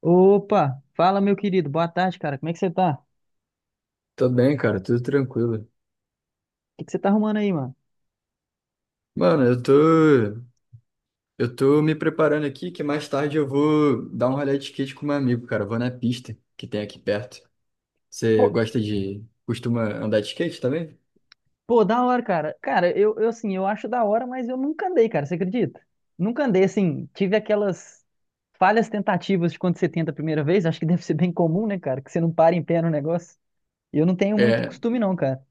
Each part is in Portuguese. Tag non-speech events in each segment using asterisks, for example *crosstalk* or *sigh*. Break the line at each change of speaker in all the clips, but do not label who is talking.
Opa, fala meu querido, boa tarde, cara. Como é que você tá? O
Tô bem, cara, tudo tranquilo.
que que você tá arrumando aí, mano?
Mano, eu tô me preparando aqui que mais tarde eu vou dar um rolê de skate com meu amigo, cara. Eu Vou na pista que tem aqui perto. Você
Pô,
gosta de, costuma andar de skate também?
pô, da hora, cara. Cara, eu assim, eu acho da hora, mas eu nunca andei, cara, você acredita? Nunca andei, assim, tive aquelas falhas tentativas de quando você tenta a primeira vez, acho que deve ser bem comum, né, cara, que você não para em pé no negócio. E eu não tenho muito
É,
costume não, cara.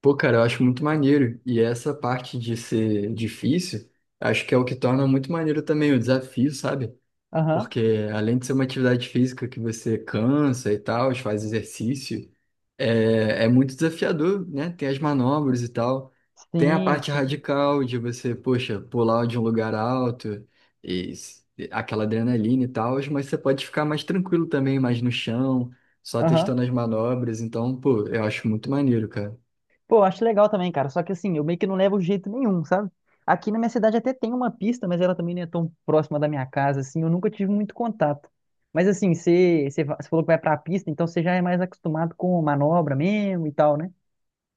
pô, cara, eu acho muito maneiro. E essa parte de ser difícil, acho que é o que torna muito maneiro também o desafio, sabe?
Aham.
Porque além de ser uma atividade física que você cansa e tal, faz exercício, é muito desafiador, né? Tem as manobras e tal. Tem a
Sim,
parte
sim.
radical de você, poxa, pular de um lugar alto e aquela adrenalina e tal, mas você pode ficar mais tranquilo também, mais no chão, só
Aham.
testando as manobras. Então, pô, eu acho muito maneiro, cara.
Pô, eu acho legal também, cara. Só que assim, eu meio que não levo jeito nenhum, sabe? Aqui na minha cidade até tem uma pista, mas ela também não é tão próxima da minha casa, assim. Eu nunca tive muito contato. Mas assim, você falou que vai pra pista, então você já é mais acostumado com manobra mesmo e tal, né?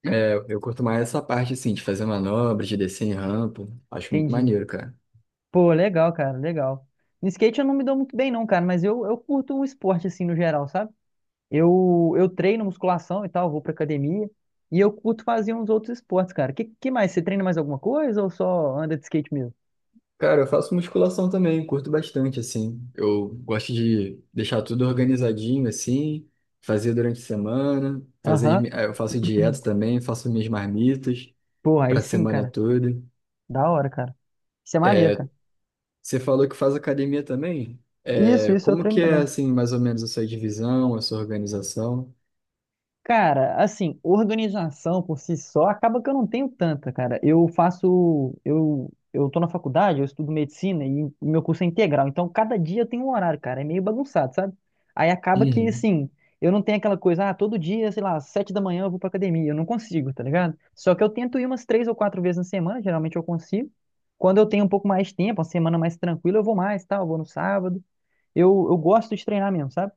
É, eu curto mais essa parte, assim, de fazer manobras, de descer em rampa. Acho muito
Entendi.
maneiro, cara.
Pô, legal, cara, legal. No skate eu não me dou muito bem, não, cara, mas eu curto o esporte, assim, no geral, sabe? Eu treino musculação e tal, vou pra academia. E eu curto fazer uns outros esportes, cara. Que mais? Você treina mais alguma coisa ou só anda de skate mesmo?
Cara, eu faço musculação também, curto bastante, assim. Eu gosto de deixar tudo organizadinho, assim, fazer durante a semana, fazer, as mi-
Aham.
eh, eu faço dieta também, faço minhas marmitas
Porra, aí
para a
sim,
semana
cara.
toda.
Da hora, cara. Isso é maneiro,
É,
cara.
Você falou que faz academia também?
Isso,
É,
isso eu
como
treino
que é,
também.
assim, mais ou menos a sua divisão, a sua organização?
Cara, assim, organização por si só acaba que eu não tenho tanta, cara. Eu tô na faculdade, eu estudo medicina e o meu curso é integral, então cada dia eu tenho um horário, cara. É meio bagunçado, sabe? Aí acaba que,
Uhum.
assim, eu não tenho aquela coisa, ah, todo dia, sei lá, às 7 da manhã eu vou pra academia. Eu não consigo, tá ligado? Só que eu tento ir umas 3 ou 4 vezes na semana, geralmente eu consigo. Quando eu tenho um pouco mais de tempo, uma semana mais tranquila, eu vou mais, tal, eu vou no sábado. Eu gosto de treinar mesmo, sabe?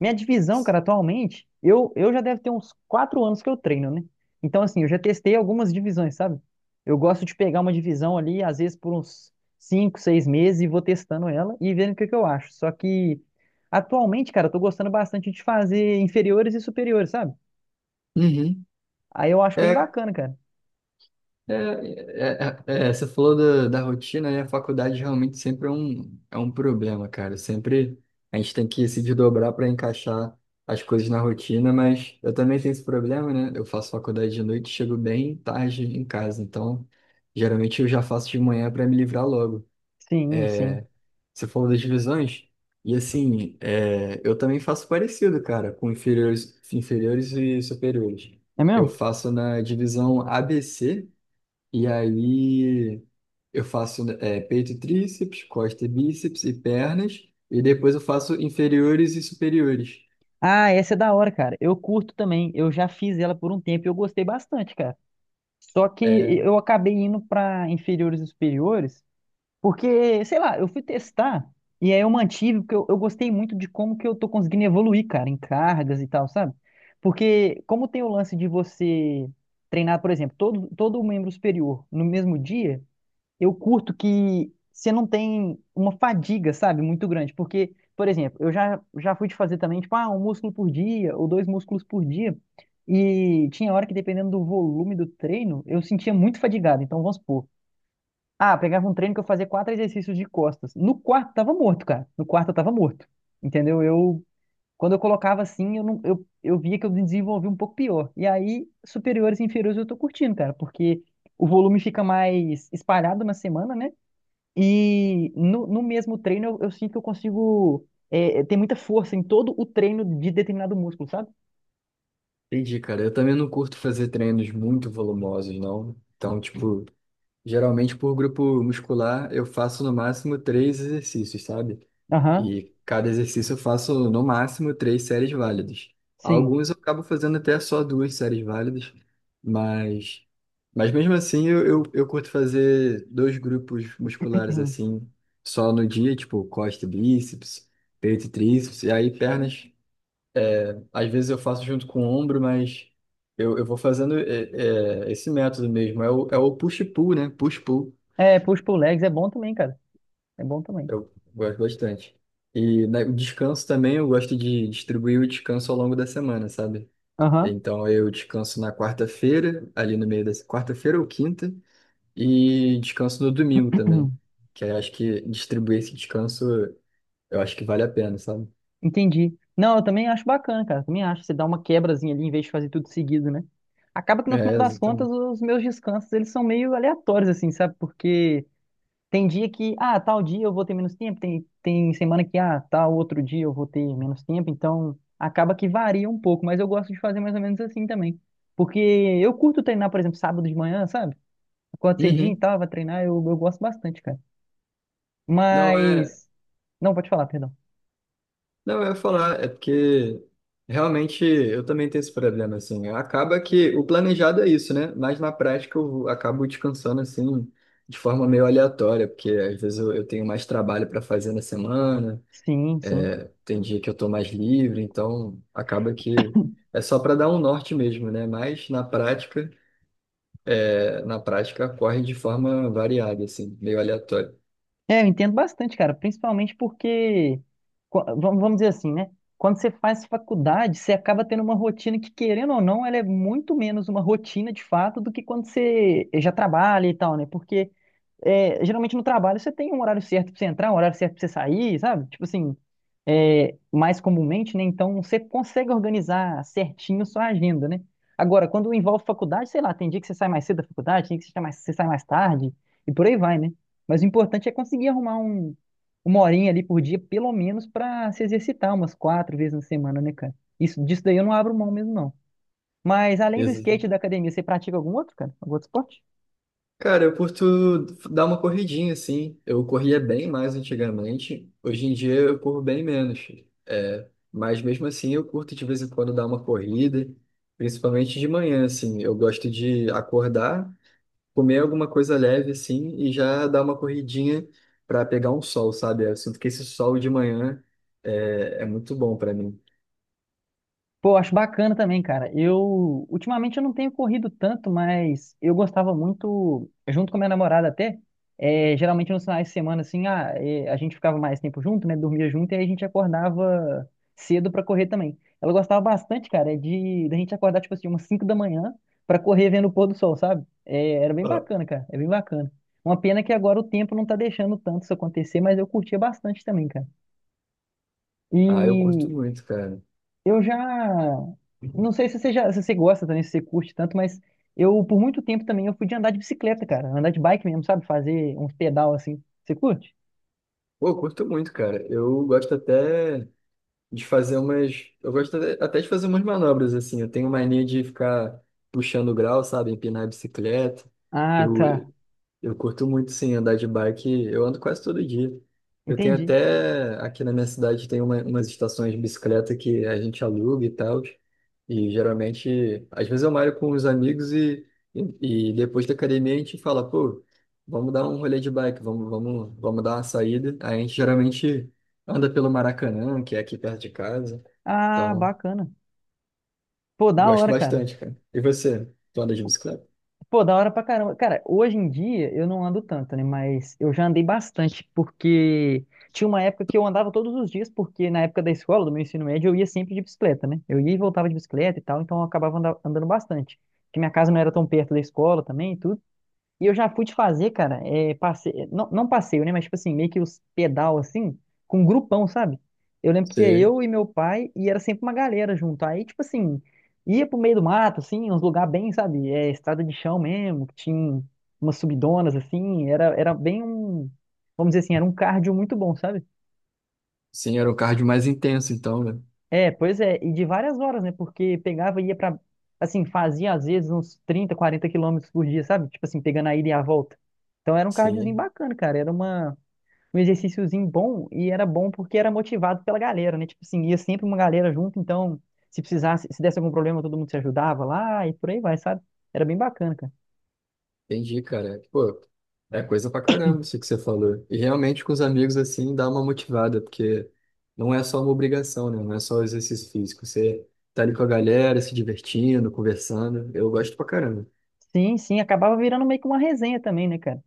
Minha divisão, cara, atualmente, eu já deve ter uns 4 anos que eu treino, né? Então, assim, eu já testei algumas divisões, sabe? Eu gosto de pegar uma divisão ali, às vezes por uns 5, 6 meses, e vou testando ela e vendo o que que eu acho. Só que, atualmente, cara, eu tô gostando bastante de fazer inferiores e superiores, sabe?
Uhum.
Aí eu acho bem
É,
bacana, cara.
é, você falou da, da rotina, né? A faculdade realmente sempre é é um problema, cara. Sempre a gente tem que se desdobrar para encaixar as coisas na rotina, mas eu também tenho esse problema, né? Eu faço faculdade de noite, chego bem tarde em casa, então geralmente eu já faço de manhã para me livrar logo.
Sim, sim.
Você falou das divisões, e assim, é, eu também faço parecido, cara, com inferiores e superiores.
É
Eu
mesmo?
faço na divisão ABC. E aí eu faço peito e tríceps, costa e bíceps e pernas. E depois eu faço inferiores e superiores.
Ah, essa é da hora, cara. Eu curto também. Eu já fiz ela por um tempo e eu gostei bastante, cara. Só que
É,
eu acabei indo para inferiores e superiores, porque, sei lá, eu fui testar e aí eu mantive, porque eu gostei muito de como que eu tô conseguindo evoluir, cara, em cargas e tal, sabe? Porque como tem o lance de você treinar, por exemplo, todo membro superior no mesmo dia, eu curto que você não tem uma fadiga, sabe, muito grande. Porque, por exemplo, eu já fui de fazer também, tipo, ah, um músculo por dia ou dois músculos por dia. E tinha hora que, dependendo do volume do treino, eu sentia muito fadigado. Então, vamos supor. Ah, pegava um treino que eu fazia quatro exercícios de costas. No quarto tava morto, cara. No quarto eu tava morto. Entendeu? Eu, quando eu colocava assim, eu, não, eu via que eu desenvolvi um pouco pior. E aí, superiores e inferiores eu tô curtindo, cara, porque o volume fica mais espalhado na semana, né? E no mesmo treino eu sinto que eu consigo. É, tem muita força em todo o treino de determinado músculo, sabe?
entendi, cara. Eu também não curto fazer treinos muito volumosos, não. Então, tipo, geralmente por grupo muscular eu faço no máximo três exercícios, sabe?
Aham,
E cada exercício eu faço no máximo três séries válidas.
sim.
Alguns eu acabo fazendo até só duas séries válidas, mas, mas mesmo assim eu curto fazer dois grupos musculares
*clears throat*
assim, só no dia, tipo costa e bíceps, peito e tríceps, e aí pernas, às vezes eu faço junto com o ombro, mas eu vou fazendo esse método mesmo, é o push-pull, né? Push-pull.
É, push pull legs é bom também, cara. É bom também.
Eu gosto bastante. E né, o descanso também, eu gosto de distribuir o descanso ao longo da semana, sabe?
Aham,
Então eu descanso na quarta-feira, ali no meio da quarta-feira ou quinta, e descanso no domingo também. Que aí eu acho que distribuir esse descanso, eu acho que vale a pena, sabe?
*clears throat* entendi. Não, eu também acho bacana, cara. Também acho. Você dá uma quebrazinha ali em vez de fazer tudo seguido, né? Acaba que no final
É,
das contas
exatamente.
os meus descansos eles são meio aleatórios, assim, sabe? Porque. Tem dia que, ah, tal dia eu vou ter menos tempo, tem semana que, ah, tal outro dia eu vou ter menos tempo, então acaba que varia um pouco, mas eu gosto de fazer mais ou menos assim também. Porque eu curto treinar, por exemplo, sábado de manhã, sabe? Acordo cedinho e
Uhum.
tal, vai treinar, eu gosto bastante, cara.
Não, é,
Mas. Não, pode falar, perdão.
Não, eu ia falar, é porque realmente eu também tenho esse problema, assim. Acaba que o planejado é isso, né? Mas na prática eu acabo descansando, assim, de forma meio aleatória, porque às vezes eu tenho mais trabalho para fazer na semana,
Sim, sim.
tem dia que eu tô mais livre, então acaba que é só para dar um norte mesmo, né? Mas na prática, na prática corre de forma variada, assim, meio aleatória.
É, eu entendo bastante, cara, principalmente porque, vamos dizer assim, né? Quando você faz faculdade, você acaba tendo uma rotina que, querendo ou não, ela é muito menos uma rotina de fato do que quando você já trabalha e tal, né? Porque é, geralmente no trabalho você tem um horário certo pra você entrar, um horário certo pra você sair, sabe? Tipo assim, é, mais comumente, né? Então você consegue organizar certinho sua agenda, né? Agora, quando envolve faculdade, sei lá, tem dia que você sai mais cedo da faculdade, tem dia que você sai mais tarde, e por aí vai, né? Mas o importante é conseguir arrumar um, uma horinha ali por dia, pelo menos, pra se exercitar umas 4 vezes na semana, né, cara? Isso, disso daí eu não abro mão mesmo, não. Mas além do skate e da academia, você pratica algum outro, cara? Algum outro esporte?
Cara, eu curto dar uma corridinha, assim. Eu corria bem mais antigamente. Hoje em dia eu corro bem menos. É, mas mesmo assim eu curto de vez em quando dar uma corrida, principalmente de manhã, assim. Eu gosto de acordar, comer alguma coisa leve, assim, e já dar uma corridinha para pegar um sol, sabe? Eu sinto que esse sol de manhã é muito bom para mim.
Pô, acho bacana também, cara. Eu, ultimamente eu não tenho corrido tanto, mas eu gostava muito, junto com a minha namorada até, é, geralmente nos finais de semana, assim, ah, é, a gente ficava mais tempo junto, né, dormia junto, e aí a gente acordava cedo pra correr também. Ela gostava bastante, cara, de, da gente acordar, tipo assim, umas 5 da manhã pra correr vendo o pôr do sol, sabe? É, era bem
Ah,
bacana, cara, é bem bacana. Uma pena que agora o tempo não tá deixando tanto isso acontecer, mas eu curtia bastante também, cara.
Ah, eu curto
E
muito, cara.
eu já. Não sei se você, já, se você gosta também, se você curte tanto, mas eu, por muito tempo também, eu fui de andar de bicicleta, cara. Andar de bike mesmo, sabe? Fazer uns pedal assim. Você curte?
Pô, eu curto muito, cara. Eu gosto até. De fazer umas. Eu gosto até de fazer umas manobras, assim. Eu tenho mania de ficar puxando o grau, sabe? Empinar a bicicleta.
Ah,
Eu,
tá.
eu curto muito, sim, andar de bike. Eu ando quase todo dia. Eu tenho
Entendi.
até, aqui na minha cidade, tem umas estações de bicicleta que a gente aluga e tal. E geralmente, às vezes eu malho com os amigos e depois da academia a gente fala, pô, vamos dar um rolê de bike, vamos dar uma saída. Aí a gente geralmente anda pelo Maracanã, que é aqui perto de casa.
Ah,
Então,
bacana. Pô, da
gosto
hora, cara.
bastante, cara. E você? Tu anda de bicicleta?
Pô, da hora pra caramba. Cara, hoje em dia eu não ando tanto, né? Mas eu já andei bastante, porque tinha uma época que eu andava todos os dias, porque na época da escola, do meu ensino médio, eu ia sempre de bicicleta, né? Eu ia e voltava de bicicleta e tal, então eu acabava andando bastante. Porque minha casa não era tão perto da escola também e tudo. E eu já fui de fazer, cara, é, não, não passeio, né? Mas, tipo assim, meio que os pedal, assim, com um grupão, sabe? Eu lembro que ia
Sei.
eu e meu pai, e era sempre uma galera junto. Aí, tipo assim, ia pro meio do mato, assim, uns lugares bem, sabe? É, estrada de chão mesmo, que tinha umas subidonas, assim. Era bem um, vamos dizer assim, era um cardio muito bom, sabe?
Sim, era um cardio mais intenso, então, né?
É, pois é, e de várias horas, né? Porque pegava e ia pra. Assim, fazia às vezes uns 30, 40 quilômetros por dia, sabe? Tipo assim, pegando a ida e a volta. Então era um cardiozinho
Sim.
bacana, cara. Era uma, um exercíciozinho bom e era bom porque era motivado pela galera, né? Tipo assim, ia sempre uma galera junto, então se precisasse, se desse algum problema, todo mundo se ajudava lá e por aí vai, sabe? Era bem bacana, cara.
Entendi, cara. Pô, é coisa pra caramba isso que você falou. E realmente com os amigos assim dá uma motivada, porque não é só uma obrigação, né? Não é só exercício físico. Você tá ali com a galera, se divertindo, conversando. Eu gosto pra caramba.
Sim, sim, acabava virando meio que uma resenha também, né, cara?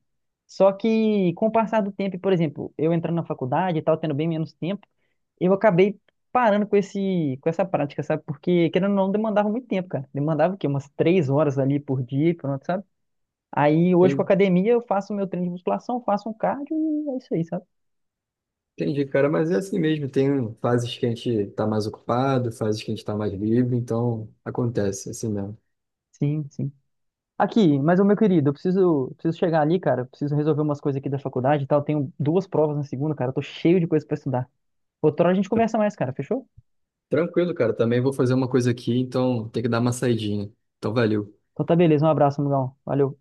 Só que com o passar do tempo, e, por exemplo, eu entrando na faculdade e tal, tendo bem menos tempo. Eu acabei parando com esse, com essa prática, sabe? Porque, querendo ou não, demandava muito tempo, cara. Demandava o quê? Umas 3 horas ali por dia, pronto, sabe? Aí, hoje com a
Tem-
academia, eu faço meu treino de musculação, faço um cardio e é isso aí, sabe?
Entendi, cara, mas é assim mesmo. Tem fases que a gente tá mais ocupado, fases que a gente tá mais livre, então acontece, é assim mesmo.
Sim, sim. Aqui, mas, ô meu querido, preciso chegar ali, cara. Eu preciso resolver umas coisas aqui da faculdade e tal. Tenho duas provas na segunda, cara. Eu tô cheio de coisa pra estudar. Outra hora a gente conversa mais, cara, fechou?
Tranquilo, cara. Também vou fazer uma coisa aqui, então tem que dar uma saidinha. Então valeu.
Então tá beleza, um abraço, amigão. Valeu.